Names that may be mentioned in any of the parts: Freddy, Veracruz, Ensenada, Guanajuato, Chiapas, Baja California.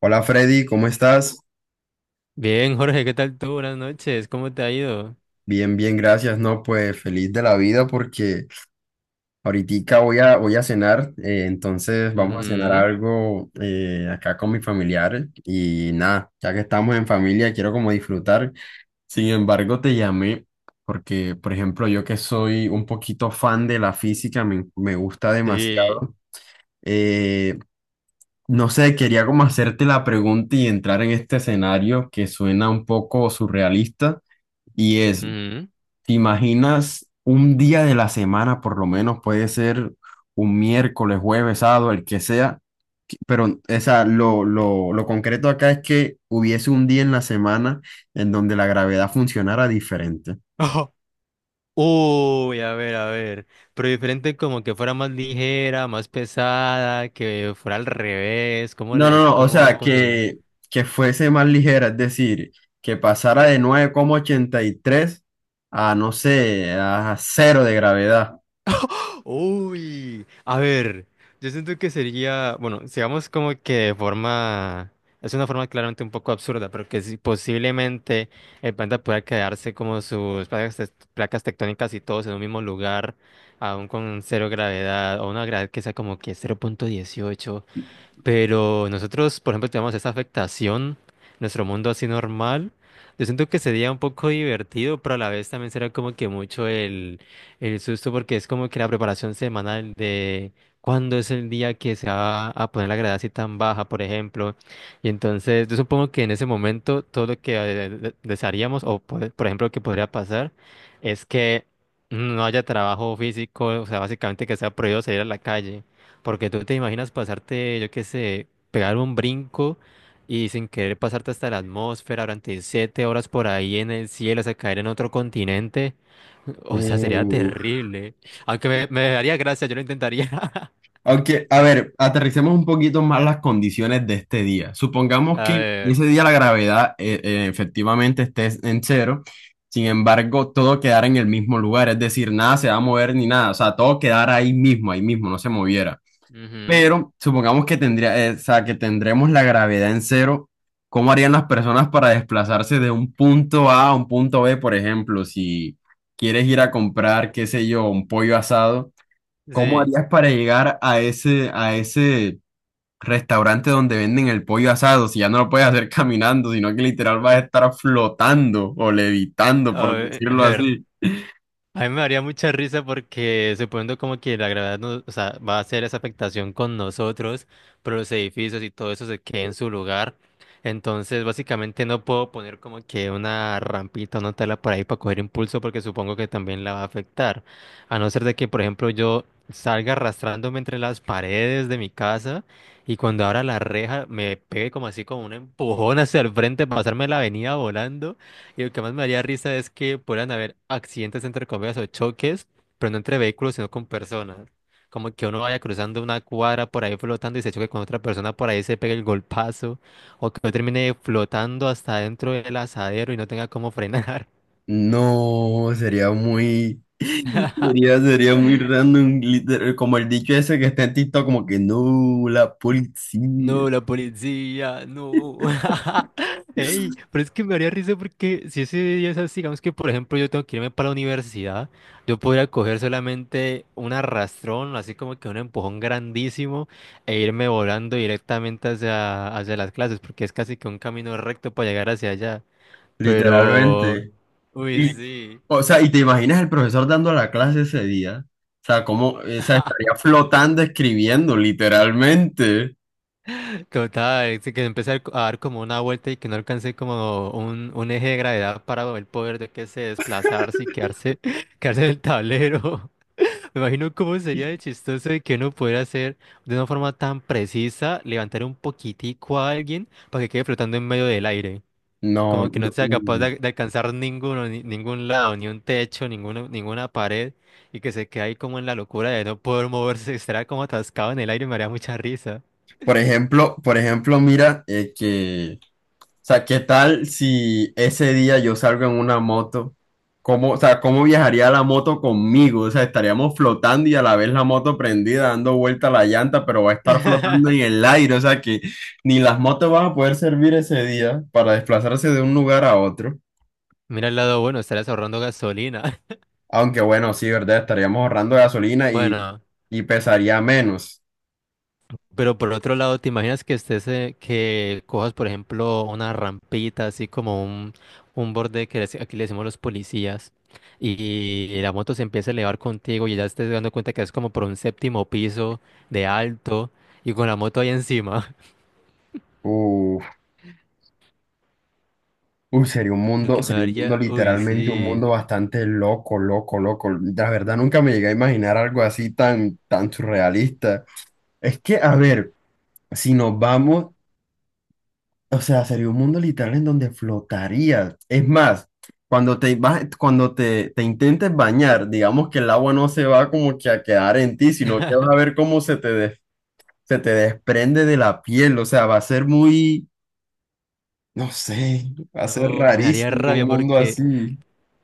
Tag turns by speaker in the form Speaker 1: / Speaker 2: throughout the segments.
Speaker 1: Hola Freddy, ¿cómo estás?
Speaker 2: Bien, Jorge, ¿qué tal tú? Buenas noches, ¿cómo te ha ido?
Speaker 1: Bien, bien, gracias. No, pues feliz de la vida porque ahorita voy a cenar, entonces vamos a cenar
Speaker 2: Ujú.
Speaker 1: algo acá con mis familiares y nada, ya que estamos en familia, quiero como disfrutar. Sin embargo, te llamé porque, por ejemplo, yo que soy un poquito fan de la física, me gusta
Speaker 2: Sí.
Speaker 1: demasiado. eh, no sé, quería como hacerte la pregunta y entrar en este escenario que suena un poco surrealista. Y es,
Speaker 2: Ujú.
Speaker 1: ¿Te imaginas un día de la semana, por lo menos puede ser un miércoles, jueves, sábado, el que sea? Pero esa, lo concreto acá es que hubiese un día en la semana en donde la gravedad funcionara diferente.
Speaker 2: Ojo. Uy, a ver, a ver. Pero diferente como que fuera más ligera, más pesada, que fuera al revés. ¿Cómo
Speaker 1: No, no,
Speaker 2: les,
Speaker 1: no, o
Speaker 2: cómo,
Speaker 1: sea,
Speaker 2: cómo sería?
Speaker 1: que fuese más ligera, es decir, que pasara de 9,83 a, no sé, a cero de gravedad.
Speaker 2: Uy, a ver, yo siento que sería, bueno, sigamos como que de forma, es una forma claramente un poco absurda, pero que sí, posiblemente el planeta pueda quedarse como sus placas, placas tectónicas y todos en un mismo lugar, aún con cero gravedad, o una gravedad que sea como que 0,18. Pero nosotros, por ejemplo, tenemos esa afectación, nuestro mundo así normal. Yo siento que sería un poco divertido, pero a la vez también será como que mucho el susto, porque es como que la preparación semanal de cuándo es el día que se va a poner la gravedad así tan baja, por ejemplo. Y entonces, yo supongo que en ese momento todo lo que desearíamos, o por ejemplo, lo que podría pasar, es que no haya trabajo físico, o sea, básicamente que sea prohibido salir a la calle. Porque tú te imaginas pasarte, yo qué sé, pegar un brinco y sin querer pasarte hasta la atmósfera durante 7 horas por ahí en el cielo, hasta caer en otro continente. O sea, sería
Speaker 1: Uf.
Speaker 2: terrible. Aunque me daría gracia, yo lo intentaría.
Speaker 1: Aunque, a ver, aterricemos un poquito más las condiciones de este día. Supongamos
Speaker 2: A
Speaker 1: que
Speaker 2: ver.
Speaker 1: ese día la gravedad efectivamente esté en cero, sin embargo, todo quedara en el mismo lugar, es decir, nada se va a mover ni nada, o sea, todo quedara ahí mismo, no se moviera.
Speaker 2: Ujú.
Speaker 1: Pero supongamos que o sea, que tendremos la gravedad en cero. ¿Cómo harían las personas para desplazarse de un punto A a un punto B, por ejemplo, si quieres ir a comprar, qué sé yo, un pollo asado? ¿Cómo
Speaker 2: Sí.
Speaker 1: harías para llegar a ese restaurante donde venden el pollo asado si ya no lo puedes hacer caminando, sino que literal vas a estar flotando o levitando,
Speaker 2: A
Speaker 1: por decirlo
Speaker 2: ver.
Speaker 1: así?
Speaker 2: A mí me daría mucha risa porque suponiendo como que la gravedad no, o sea, va a hacer esa afectación con nosotros, pero los edificios y todo eso se quede en su lugar. Entonces, básicamente no puedo poner como que una rampita o una tela por ahí para coger impulso porque supongo que también la va a afectar. A no ser de que, por ejemplo, yo salga arrastrándome entre las paredes de mi casa y cuando abra la reja me pegue como así como un empujón hacia el frente, pasarme la avenida volando. Y lo que más me haría risa es que puedan haber accidentes entre comillas o choques, pero no entre vehículos, sino con personas. Como que uno vaya cruzando una cuadra por ahí flotando y se choque con otra persona, por ahí se pegue el golpazo, o que uno termine flotando hasta dentro del asadero y no tenga cómo frenar.
Speaker 1: No, sería muy, sería muy random, literal, como el dicho ese que está en TikTok, como que no, la policía,
Speaker 2: No, la policía, no. Ey, pero es que me haría risa porque si ese día es así, digamos que por ejemplo yo tengo que irme para la universidad, yo podría coger solamente un arrastrón, así como que un empujón grandísimo, e irme volando directamente hacia las clases, porque es casi que un camino recto para llegar hacia allá. Pero,
Speaker 1: literalmente.
Speaker 2: uy,
Speaker 1: Y,
Speaker 2: sí.
Speaker 1: o sea, ¿y te imaginas el profesor dando la clase ese día? O sea, cómo, o sea, estaría flotando escribiendo, literalmente.
Speaker 2: Total, sí que empecé a dar como una vuelta y que no alcancé como un, eje de gravedad para el poder de que se desplazarse y quedarse, quedarse en el tablero. Me imagino cómo sería de chistoso de que uno pudiera hacer de una forma tan precisa, levantar un poquitico a alguien para que quede flotando en medio del aire.
Speaker 1: No,
Speaker 2: Como que no
Speaker 1: no,
Speaker 2: sea capaz
Speaker 1: uy.
Speaker 2: de alcanzar ninguno, ningún lado, ni un techo, ninguno, ninguna pared, y que se quede ahí como en la locura de no poder moverse, estará como atascado en el aire, me haría mucha risa.
Speaker 1: Por ejemplo, mira, o sea, ¿qué tal si ese día yo salgo en una moto? ¿Cómo, o sea, cómo viajaría la moto conmigo? O sea, estaríamos flotando y a la vez la moto prendida, dando vuelta a la llanta, pero va a estar flotando en el aire, o sea que ni las motos van a poder servir ese día para desplazarse de un lugar a otro.
Speaker 2: Mira el lado bueno, estarás ahorrando gasolina.
Speaker 1: Aunque bueno, sí, ¿verdad? Estaríamos ahorrando gasolina y,
Speaker 2: Bueno,
Speaker 1: y pesaría menos.
Speaker 2: pero por otro lado, ¿te imaginas que estés, que cojas, por ejemplo, una rampita, así como un borde que aquí le decimos los policías, y, y la moto se empieza a elevar contigo y ya estés dando cuenta que es como por un séptimo piso de alto y con la moto ahí encima?
Speaker 1: Uh, Uy,
Speaker 2: Lo que me
Speaker 1: sería un mundo
Speaker 2: daría, uy,
Speaker 1: literalmente, un
Speaker 2: sí.
Speaker 1: mundo bastante loco, loco, loco. La verdad, nunca me llegué a imaginar algo así tan surrealista. Es que, a ver, si nos vamos, o sea, sería un mundo literal en donde flotarías. Es más, cuando te vas, cuando te intentes bañar, digamos que el agua no se va como que a quedar en ti, sino que vas a ver cómo se te desprende de la piel. O sea, va a ser muy, no sé, va a ser
Speaker 2: No, me daría
Speaker 1: rarísimo un
Speaker 2: rabia
Speaker 1: mundo
Speaker 2: porque,
Speaker 1: así.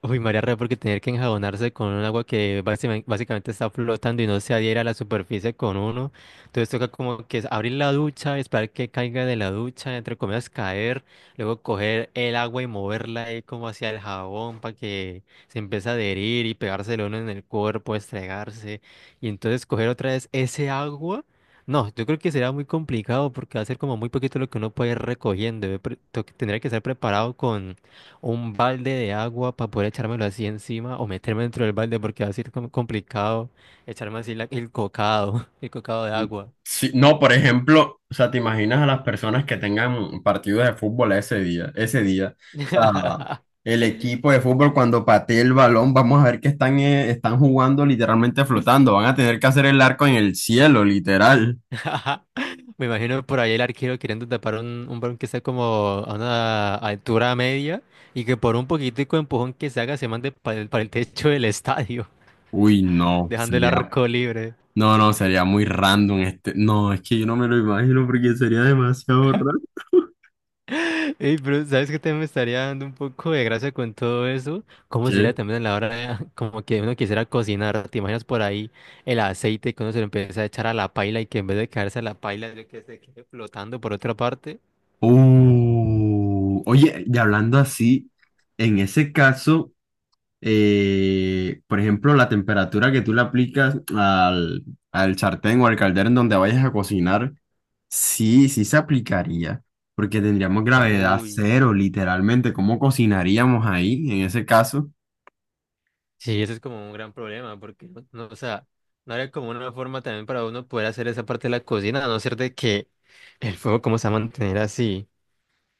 Speaker 2: uy, María Rea, porque tener que enjabonarse con un agua que básicamente, básicamente está flotando y no se adhiera a la superficie con uno. Entonces toca como que es abrir la ducha, esperar que caiga de la ducha, entre comillas caer, luego coger el agua y moverla ahí como hacia el jabón para que se empiece a adherir y pegárselo uno en el cuerpo, estregarse. Y entonces coger otra vez ese agua. No, yo creo que será muy complicado porque va a ser como muy poquito lo que uno puede ir recogiendo. Yo tendría que estar preparado un balde de agua para poder echármelo así encima o meterme dentro del balde porque va a ser complicado echarme así el cocado, el cocado de agua.
Speaker 1: Sí, no, por ejemplo, o sea, te imaginas a las personas que tengan partidos de fútbol ese día, ese día. O sea, el equipo de fútbol cuando patee el balón, vamos a ver que están jugando literalmente flotando. Van a tener que hacer el arco en el cielo, literal.
Speaker 2: Me imagino por ahí el arquero queriendo tapar un balón que está como a una altura media y que por un poquitico de empujón que se haga se mande para para el techo del estadio,
Speaker 1: Uy, no,
Speaker 2: dejando el arco libre.
Speaker 1: no, no, sería muy random este. No, es que yo no me lo imagino porque sería demasiado raro.
Speaker 2: Ey, pero ¿sabes qué también me estaría dando un poco de gracia con todo eso? ¿Cómo sería
Speaker 1: ¿Qué?
Speaker 2: también a la hora como que uno quisiera cocinar? ¿Te imaginas por ahí el aceite que uno se lo empieza a echar a la paila y que en vez de caerse a la paila, yo que se quede flotando por otra parte?
Speaker 1: Oye, y hablando así, en ese caso. Por ejemplo, la temperatura que tú le aplicas al sartén o al caldero en donde vayas a cocinar, sí, sí se aplicaría, porque tendríamos gravedad
Speaker 2: Uy,
Speaker 1: cero, literalmente. ¿Cómo cocinaríamos ahí en ese caso?
Speaker 2: sí, eso es como un gran problema, porque no, no, o sea, no habría como una forma también para uno poder hacer esa parte de la cocina, a no ser de que el fuego, ¿cómo se va a mantener así?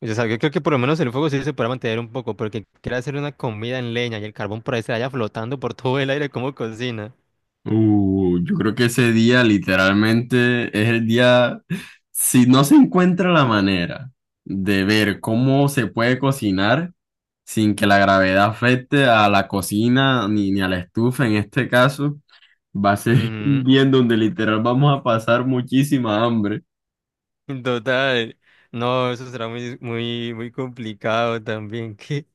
Speaker 2: O sea, yo creo que por lo menos el fuego sí se podrá mantener un poco, porque quiere hacer una comida en leña y el carbón por ahí se vaya flotando por todo el aire como cocina.
Speaker 1: Yo creo que ese día literalmente es el día, si no se encuentra la manera de ver cómo se puede cocinar sin que la gravedad afecte a la cocina ni a la estufa en este caso. Va a ser un
Speaker 2: Ujú.
Speaker 1: día en donde literal vamos a pasar muchísima hambre.
Speaker 2: Total. No, eso será muy, muy, muy complicado también. Que,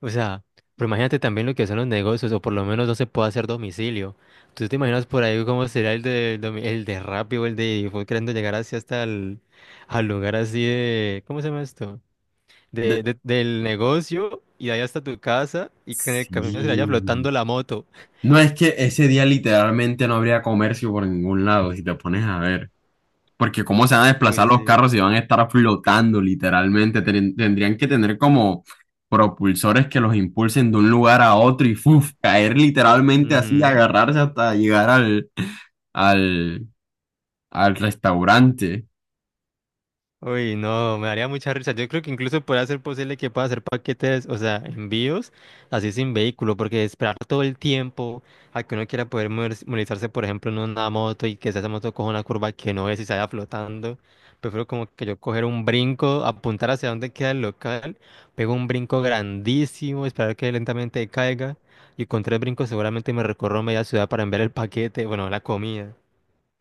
Speaker 2: o sea, pero imagínate también lo que son los negocios, o por lo menos no se puede hacer domicilio. ¿Tú te imaginas por ahí cómo será el de, el de Rappi o el de fue queriendo llegar así hasta el al lugar así de, ¿cómo se llama esto?
Speaker 1: De-
Speaker 2: Del negocio y de ahí hasta tu casa y que en el camino se le vaya
Speaker 1: Sí.
Speaker 2: flotando la moto?
Speaker 1: No es que ese día literalmente no habría comercio por ningún lado, si te pones a ver. Porque cómo se van a desplazar
Speaker 2: Uy,
Speaker 1: los
Speaker 2: sí.
Speaker 1: carros si van a estar flotando literalmente. Tendrían que tener como propulsores que los impulsen de un lugar a otro y ¡fuf! Caer literalmente así,
Speaker 2: Ujú.
Speaker 1: agarrarse hasta llegar al, al restaurante.
Speaker 2: Uy, no, me daría mucha risa. Yo creo que incluso podría ser posible que pueda hacer paquetes, o sea, envíos, así sin vehículo, porque esperar todo el tiempo a que uno quiera poder movilizarse, por ejemplo, en una moto y que esa moto coja una curva que no es y se vaya flotando. Prefiero como que yo coger un brinco, apuntar hacia donde queda el local, pego un brinco grandísimo, esperar que lentamente caiga y con tres brincos seguramente me recorro media ciudad para enviar el paquete, bueno, la comida.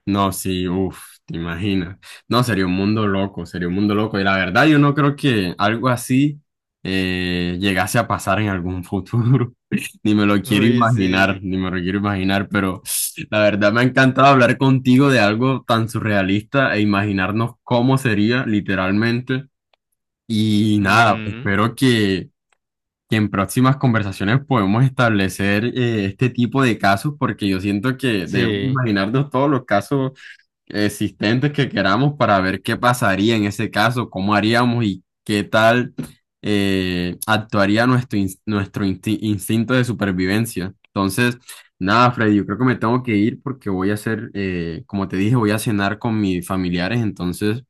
Speaker 1: No, sí, uff, te imaginas. No, sería un mundo loco, sería un mundo loco. Y la verdad, yo no creo que algo así llegase a pasar en algún futuro. Ni me lo quiero
Speaker 2: Uy,
Speaker 1: imaginar,
Speaker 2: sí.
Speaker 1: ni me lo quiero imaginar, pero la verdad me ha encantado hablar contigo de algo tan surrealista e imaginarnos cómo sería literalmente. Y nada,
Speaker 2: Ujú.
Speaker 1: espero que en próximas conversaciones podemos establecer este tipo de casos, porque yo siento que debemos
Speaker 2: Sí.
Speaker 1: imaginarnos todos los casos existentes que queramos para ver qué pasaría en ese caso, cómo haríamos y qué tal actuaría nuestro, ins- nuestro insti- instinto de supervivencia. Entonces, nada, Freddy, yo creo que me tengo que ir porque voy a hacer, como te dije, voy a cenar con mis familiares, entonces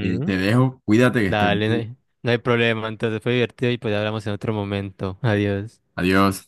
Speaker 1: te dejo, cuídate que estés
Speaker 2: Dale, no
Speaker 1: bien.
Speaker 2: hay, no hay problema. Entonces fue divertido y pues hablamos en otro momento. Adiós.
Speaker 1: Adiós.